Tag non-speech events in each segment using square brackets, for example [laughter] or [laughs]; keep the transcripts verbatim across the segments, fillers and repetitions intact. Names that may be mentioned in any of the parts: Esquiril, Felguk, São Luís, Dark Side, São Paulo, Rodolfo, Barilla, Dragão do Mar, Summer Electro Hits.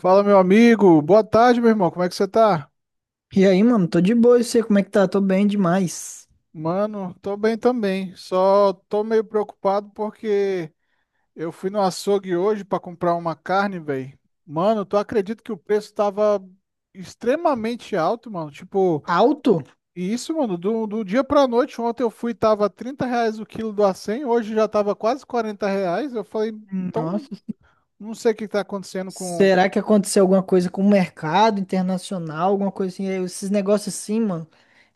Fala, meu amigo. Boa tarde, meu irmão. Como é que você tá? E aí, mano, tô de boa, e você, como é que tá? Tô bem demais. Mano, tô bem também. Só tô meio preocupado porque eu fui no açougue hoje pra comprar uma carne, velho. Mano, tu acredita que o preço tava extremamente alto, mano? Tipo, Alto? e isso, mano, do, do dia pra noite. Ontem eu fui, tava trinta reais o quilo do acém, hoje já tava quase quarenta reais. Eu falei, Hum. então, Nossa. não sei o que tá acontecendo. Será que aconteceu alguma coisa com o mercado internacional, alguma coisa assim? É, esses negócios assim, mano,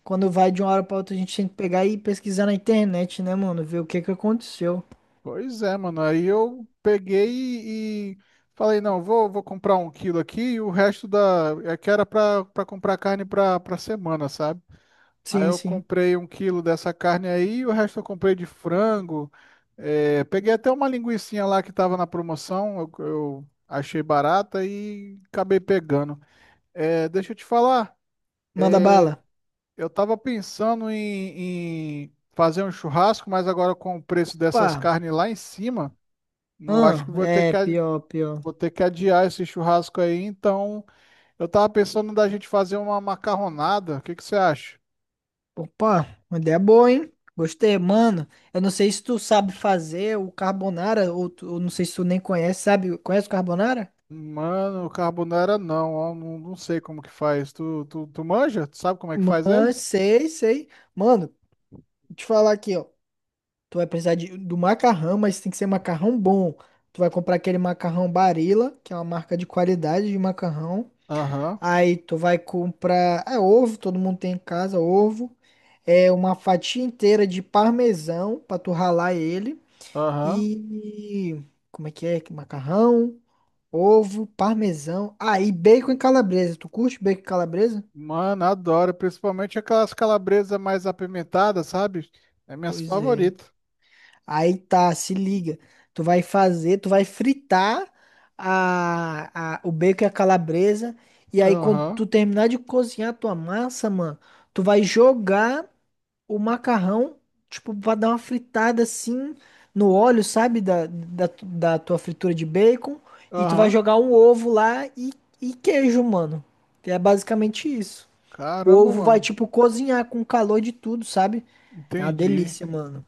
quando vai de uma hora pra outra, a gente tem que pegar e pesquisar na internet, né, mano? Ver o que que aconteceu. Pois é, mano. Aí eu peguei e, e falei, não, vou, vou comprar um quilo aqui e o resto da. É que era pra, pra comprar carne pra, pra semana, sabe? Aí Sim, eu sim. comprei um quilo dessa carne aí e o resto eu comprei de frango. É, peguei até uma linguicinha lá que tava na promoção, eu, eu achei barata e acabei pegando. É, deixa eu te falar, Manda bala. eu tava pensando em, em fazer um churrasco, mas agora com o preço dessas Pá. carnes lá em cima. Eu acho Ah, que vou ter é, que. pior, pior. Vou ter que adiar esse churrasco aí, então eu tava pensando da gente fazer uma macarronada. O que que você acha? Opa, uma ideia boa, hein? Gostei, mano. Eu não sei se tu sabe fazer o carbonara, ou, tu- ou não sei se tu nem conhece, sabe? Conhece o carbonara? Mano, carbonara não, ó, não, não sei como que faz. Tu, tu, tu manja? Tu sabe como é que faz ele? Mas sei, sei. Mano, te falar aqui, ó. Tu vai precisar de, do macarrão, mas tem que ser macarrão bom. Tu vai comprar aquele macarrão Barilla, que é uma marca de qualidade de macarrão. Aham, Aí tu vai comprar, é ovo, todo mundo tem em casa, ovo. É uma fatia inteira de parmesão pra tu ralar ele. aham. E como é que é? Macarrão, ovo, parmesão. Aí bacon e calabresa. Tu curte bacon e calabresa? Mano, adoro, principalmente aquelas calabresas mais apimentadas, sabe? É minhas Pois é. favoritas. Aí tá, se liga. Tu vai fazer, tu vai fritar a, a- o bacon e a calabresa. E aí, quando Aham, tu terminar de cozinhar a tua massa, mano, tu vai jogar o macarrão, tipo, pra dar uma fritada assim no óleo, sabe? Da, da, da tua fritura de bacon. E tu vai aham. jogar um ovo lá e, e queijo, mano. Que é basicamente isso. O Caramba, ovo vai, mano. tipo, cozinhar com o calor de tudo, sabe? É uma Entendi. delícia, mano.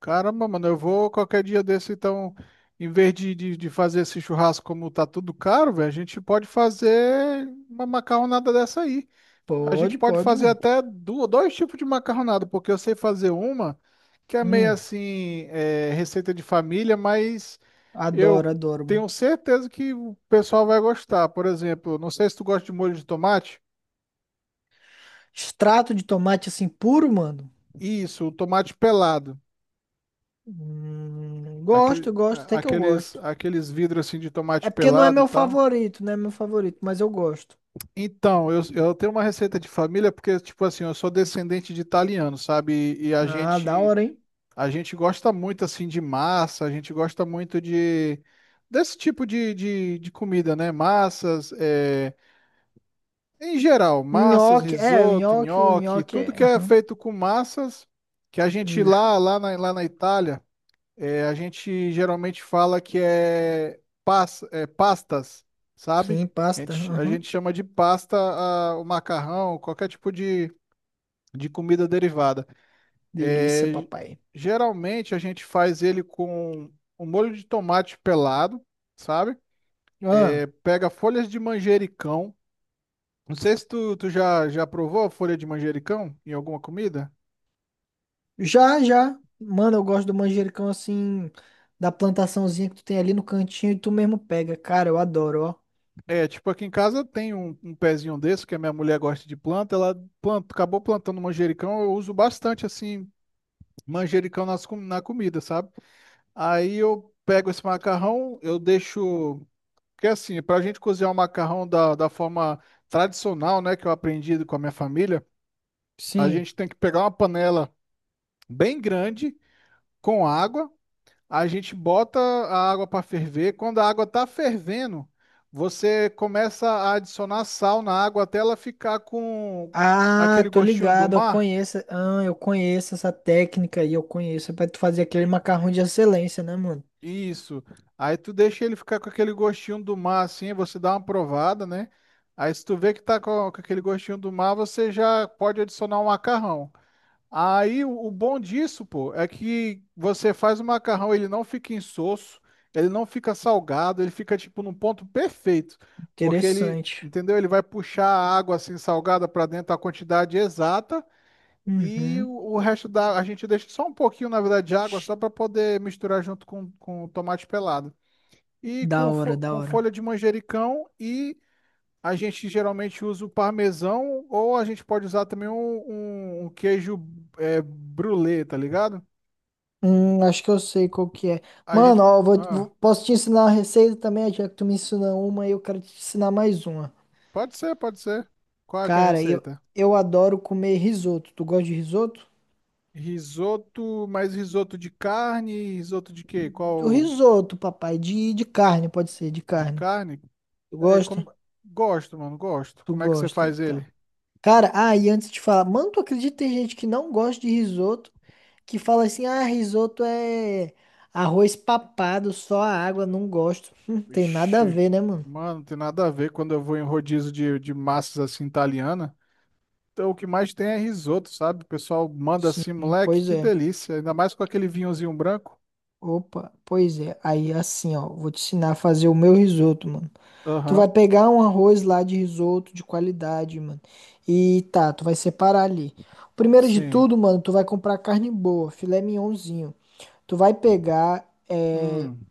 Caramba, mano, eu vou qualquer dia desse, então, em vez de, de, de fazer esse churrasco como tá tudo caro, velho, a gente pode fazer uma macarronada dessa aí. A gente Pode, pode pode, fazer mano. até du- dois tipos de macarronada, porque eu sei fazer uma que é meio Hum. assim, é, receita de família, mas Adoro, eu adoro, mano. tenho certeza que o pessoal vai gostar. Por exemplo, não sei se tu gosta de molho de tomate. Extrato de tomate assim puro, mano. Isso, o tomate pelado. Hum, Aquele, Gosto, gosto, a- até que eu aqueles, gosto. aqueles vidros assim de tomate É porque não é pelado e meu tal. favorito, não é meu favorito, mas eu gosto. Então, eu, eu tenho uma receita de família porque, tipo assim, eu sou descendente de italiano, sabe? E, e a Ah, da gente, hora, hein? a gente gosta muito, assim, de massa, a gente gosta muito de, desse tipo de, de, de comida, né? Massas, é, em geral, massas, Nhoque, é, o risoto, nhoque, o nhoque, nhoque tudo é. que é Aham. feito com massas, que a gente Ixi. lá, lá na, lá na Itália. É, a gente geralmente fala que é, pas, é pastas, sabe? Sim, A pasta. gente, a gente Aham. chama de pasta a- o macarrão, qualquer tipo de, de comida derivada. Delícia, É, papai. geralmente a gente faz ele com um molho de tomate pelado, sabe? É, Ah, pega folhas de manjericão. Não sei se tu, tu já, já provou a folha de manjericão em alguma comida? já, já. Mano, eu gosto do manjericão assim, da plantaçãozinha que tu tem ali no cantinho e tu mesmo pega. Cara, eu adoro, ó. É, tipo, aqui em casa tem um, um pezinho desse, que a minha mulher gosta de planta, ela planta, acabou plantando manjericão, eu uso bastante, assim, manjericão nas, com- na comida, sabe? Aí eu pego esse macarrão, eu deixo. Porque assim, pra gente cozinhar o macarrão da, da forma tradicional, né, que eu aprendi com a minha família, a Sim. gente tem que pegar uma panela bem grande, com água. A gente bota a água para ferver. Quando a água está fervendo, você começa a adicionar sal na água até ela ficar com Ah, aquele tô gostinho do ligado, eu mar. conheço, ah, eu conheço essa técnica aí, eu conheço, é pra tu fazer aquele macarrão de excelência, né, mano? Isso. Aí tu deixa ele ficar com aquele gostinho do mar assim, você dá uma provada, né? Aí se tu vê que tá com com aquele gostinho do mar, você já pode adicionar o macarrão. Aí o o bom disso, pô, é que você faz o macarrão, ele não fica insosso, ele não fica salgado, ele fica tipo num ponto perfeito, porque ele, Interessante. entendeu? Ele vai puxar a água assim salgada para dentro a quantidade exata e Uhum, o, o resto da a gente deixa só um pouquinho, na verdade, de água só para poder misturar junto com, com o tomate pelado. E da com, hora, fo- da com hora. folha de manjericão e a gente geralmente usa o parmesão ou a gente pode usar também um, um- um queijo é, brulê, tá ligado? Hum, acho que eu sei qual que é. A gente. Mano, ó, eu vou, vou- Ah, posso te ensinar a receita também, já que tu me ensinou uma e eu quero te ensinar mais uma. pode ser, pode ser. Qual é que é a Cara, eu, receita? eu adoro comer risoto, tu gosta de risoto? Risoto, mais risoto de carne, risoto de quê? O Qual risoto, papai, de, de carne, pode ser, de de carne. carne? Tu É, gosta? como. Gosto, mano, gosto. Tu Como é que você gosta, faz então. ele? Cara, ah, e antes de falar, mano, tu acredita que tem gente que não gosta de risoto, que fala assim, ah, risoto é arroz papado, só a água, não gosto. [laughs] Hum, tem nada a Vixe, ver, né, mano? mano, não tem nada a ver quando eu vou em rodízio de, de massas assim italiana. Então, o que mais tem é risoto, sabe? O pessoal manda Sim, assim, moleque, pois que é. delícia. Ainda mais com aquele vinhozinho branco. Opa, pois é. Aí assim, ó, vou te ensinar a fazer o meu risoto, mano. Tu vai Aham, pegar um arroz lá de risoto de qualidade, mano. E tá, tu vai separar ali. Primeiro de sim. tudo, mano, tu vai comprar carne boa, filé mignonzinho. Tu vai pegar. é, Hum,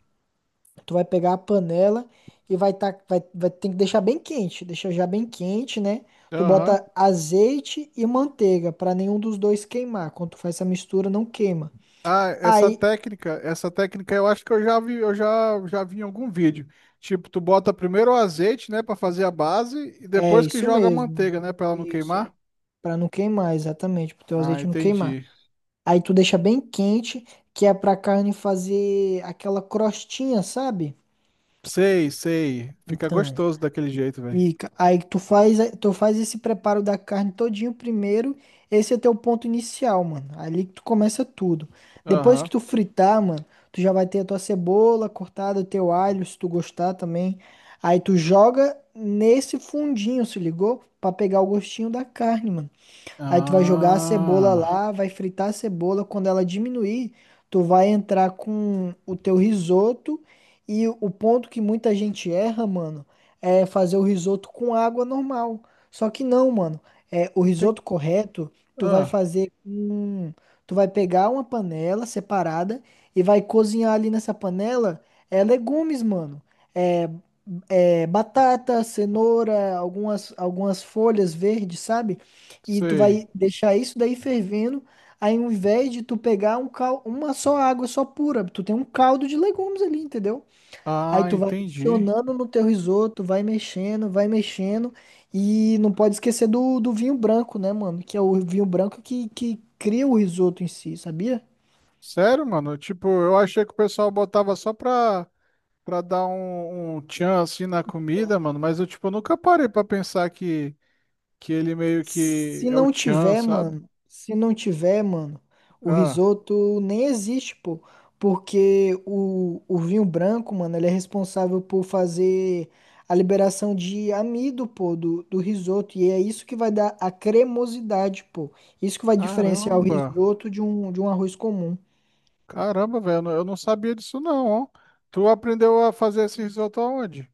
Tu vai pegar a panela e vai tá, vai, vai ter que deixar bem quente, deixa já bem quente, né? Tu aham. bota azeite e manteiga pra nenhum dos dois queimar. Quando tu faz essa mistura, não queima. Ah, essa Aí, técnica, essa técnica eu acho que eu já vi, eu já, já vi em algum vídeo. Tipo, tu bota primeiro o azeite, né, pra fazer a base e é depois que isso joga a mesmo. manteiga, né, pra ela não Isso queimar. é para não queimar, exatamente, pro teu Ah, azeite não queimar. entendi. Aí tu deixa bem quente, que é pra carne fazer aquela crostinha, sabe? Sei, sei. Fica Então, gostoso daquele jeito, velho. E ca- aí tu faz, tu faz esse preparo da carne todinho primeiro, esse é teu ponto inicial, mano. Ali que tu começa tudo. Depois que Aham. tu fritar, mano, tu já vai ter a tua cebola cortada, o teu alho, se tu gostar também. Aí tu joga nesse fundinho, se ligou? Pra pegar o gostinho da carne, mano. Aí tu vai jogar a cebola Ah, lá, vai fritar a cebola. Quando ela diminuir, tu vai entrar com o teu risoto. E o ponto que muita gente erra, mano, é fazer o risoto com água normal. Só que não, mano. É, o entendi. risoto correto, tu vai Ah, fazer com. Tu vai pegar uma panela separada e vai cozinhar ali nessa panela é, legumes, mano. É, é, Batata, cenoura, algumas, algumas folhas verdes, sabe? E tu sei. vai deixar isso daí fervendo. Aí, ao invés de tu pegar um cal uma só água só pura, tu tem um caldo de legumes ali, entendeu? Aí Ah, tu vai entendi. adicionando no teu risoto, vai mexendo, vai mexendo. E não pode esquecer do, do vinho branco, né, mano? Que é o vinho branco que, que cria o risoto em si, sabia? Sério, mano? Tipo, eu achei que o pessoal botava só pra, pra dar um, um tchan assim na comida, mano. Mas eu, tipo, nunca parei pra pensar que, que ele meio que Se é o não tchan, tiver, sabe? mano, se não tiver, mano, o Ah, risoto nem existe, pô. Porque o, o vinho branco, mano, ele é responsável por fazer a liberação de amido, pô, do, do risoto. E é isso que vai dar a cremosidade, pô. Isso que vai diferenciar o caramba. risoto de um, de um arroz comum. Caramba, velho. Eu não eu não sabia disso, não, ó. Tu aprendeu a fazer esse risoto aonde?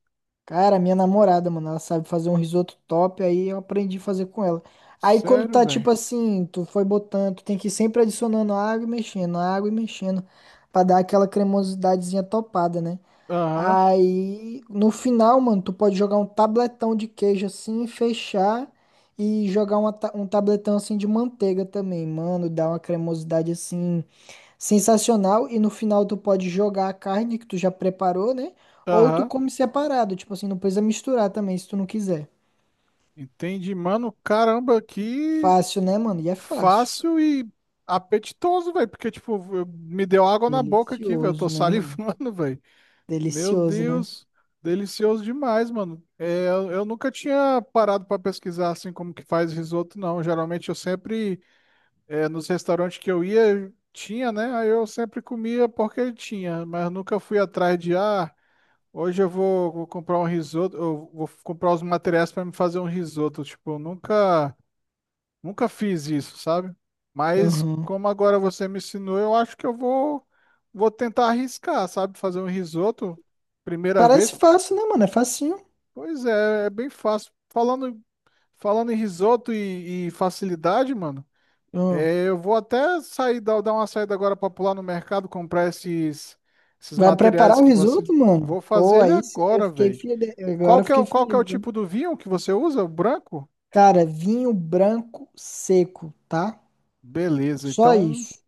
Cara, minha namorada, mano, ela sabe fazer um risoto top, aí eu aprendi a fazer com ela. Aí quando Sério, tá velho. tipo assim, tu foi botando, tu tem que ir sempre adicionando água e mexendo, água e mexendo, pra dar aquela cremosidadezinha topada, né? Aham, Aí no final, mano, tu pode jogar um tabletão de queijo assim, fechar e jogar uma ta- um tabletão assim de manteiga também, mano, dá uma cremosidade assim sensacional, e no final tu pode jogar a carne que tu já preparou, né? Ou tu aham. come separado, tipo assim, não precisa misturar também se tu não quiser. Entendi, mano. Caramba, que Fácil, né, mano? E é fácil. fácil e apetitoso, velho. Porque, tipo, eu- me deu água na boca aqui, velho. Eu tô Delicioso, né, salivando, mano? [laughs] velho. Meu Delicioso, né? Deus, delicioso demais, mano. É, eu, eu nunca tinha parado para pesquisar assim como que faz risoto, não. Geralmente eu sempre, é, nos restaurantes que eu ia, tinha, né? Aí eu sempre comia porque tinha, mas nunca fui atrás de, ah, hoje eu vou, vou comprar um risoto, eu vou comprar os materiais para me fazer um risoto. Tipo, eu nunca, nunca fiz isso, sabe? Mas Aham. como agora você me ensinou, eu acho que eu vou vou tentar arriscar, sabe? Fazer um risoto primeira vez. Parece fácil, né, mano? É facinho. Pois é, é bem fácil. Falando, falando em risoto e, e facilidade, mano, Aham. é, eu vou até sair, dar, dar uma saída agora pra pular no mercado, comprar esses, esses Vai preparar materiais o que você. risoto, mano? Vou Pô, fazer ele aí sim, eu agora, fiquei velho. feliz. Agora Qual eu que é, fiquei o- qual que é o feliz, ó. tipo do vinho que você usa? O branco? Cara, vinho branco seco, tá? Beleza, Só então, isso.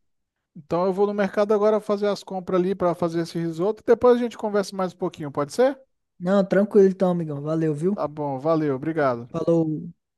então eu vou no mercado agora fazer as compras ali pra fazer esse risoto. Depois a gente conversa mais um pouquinho, pode ser? Não, tranquilo então, amigão. Valeu, viu? Tá bom, valeu, obrigado. Falou.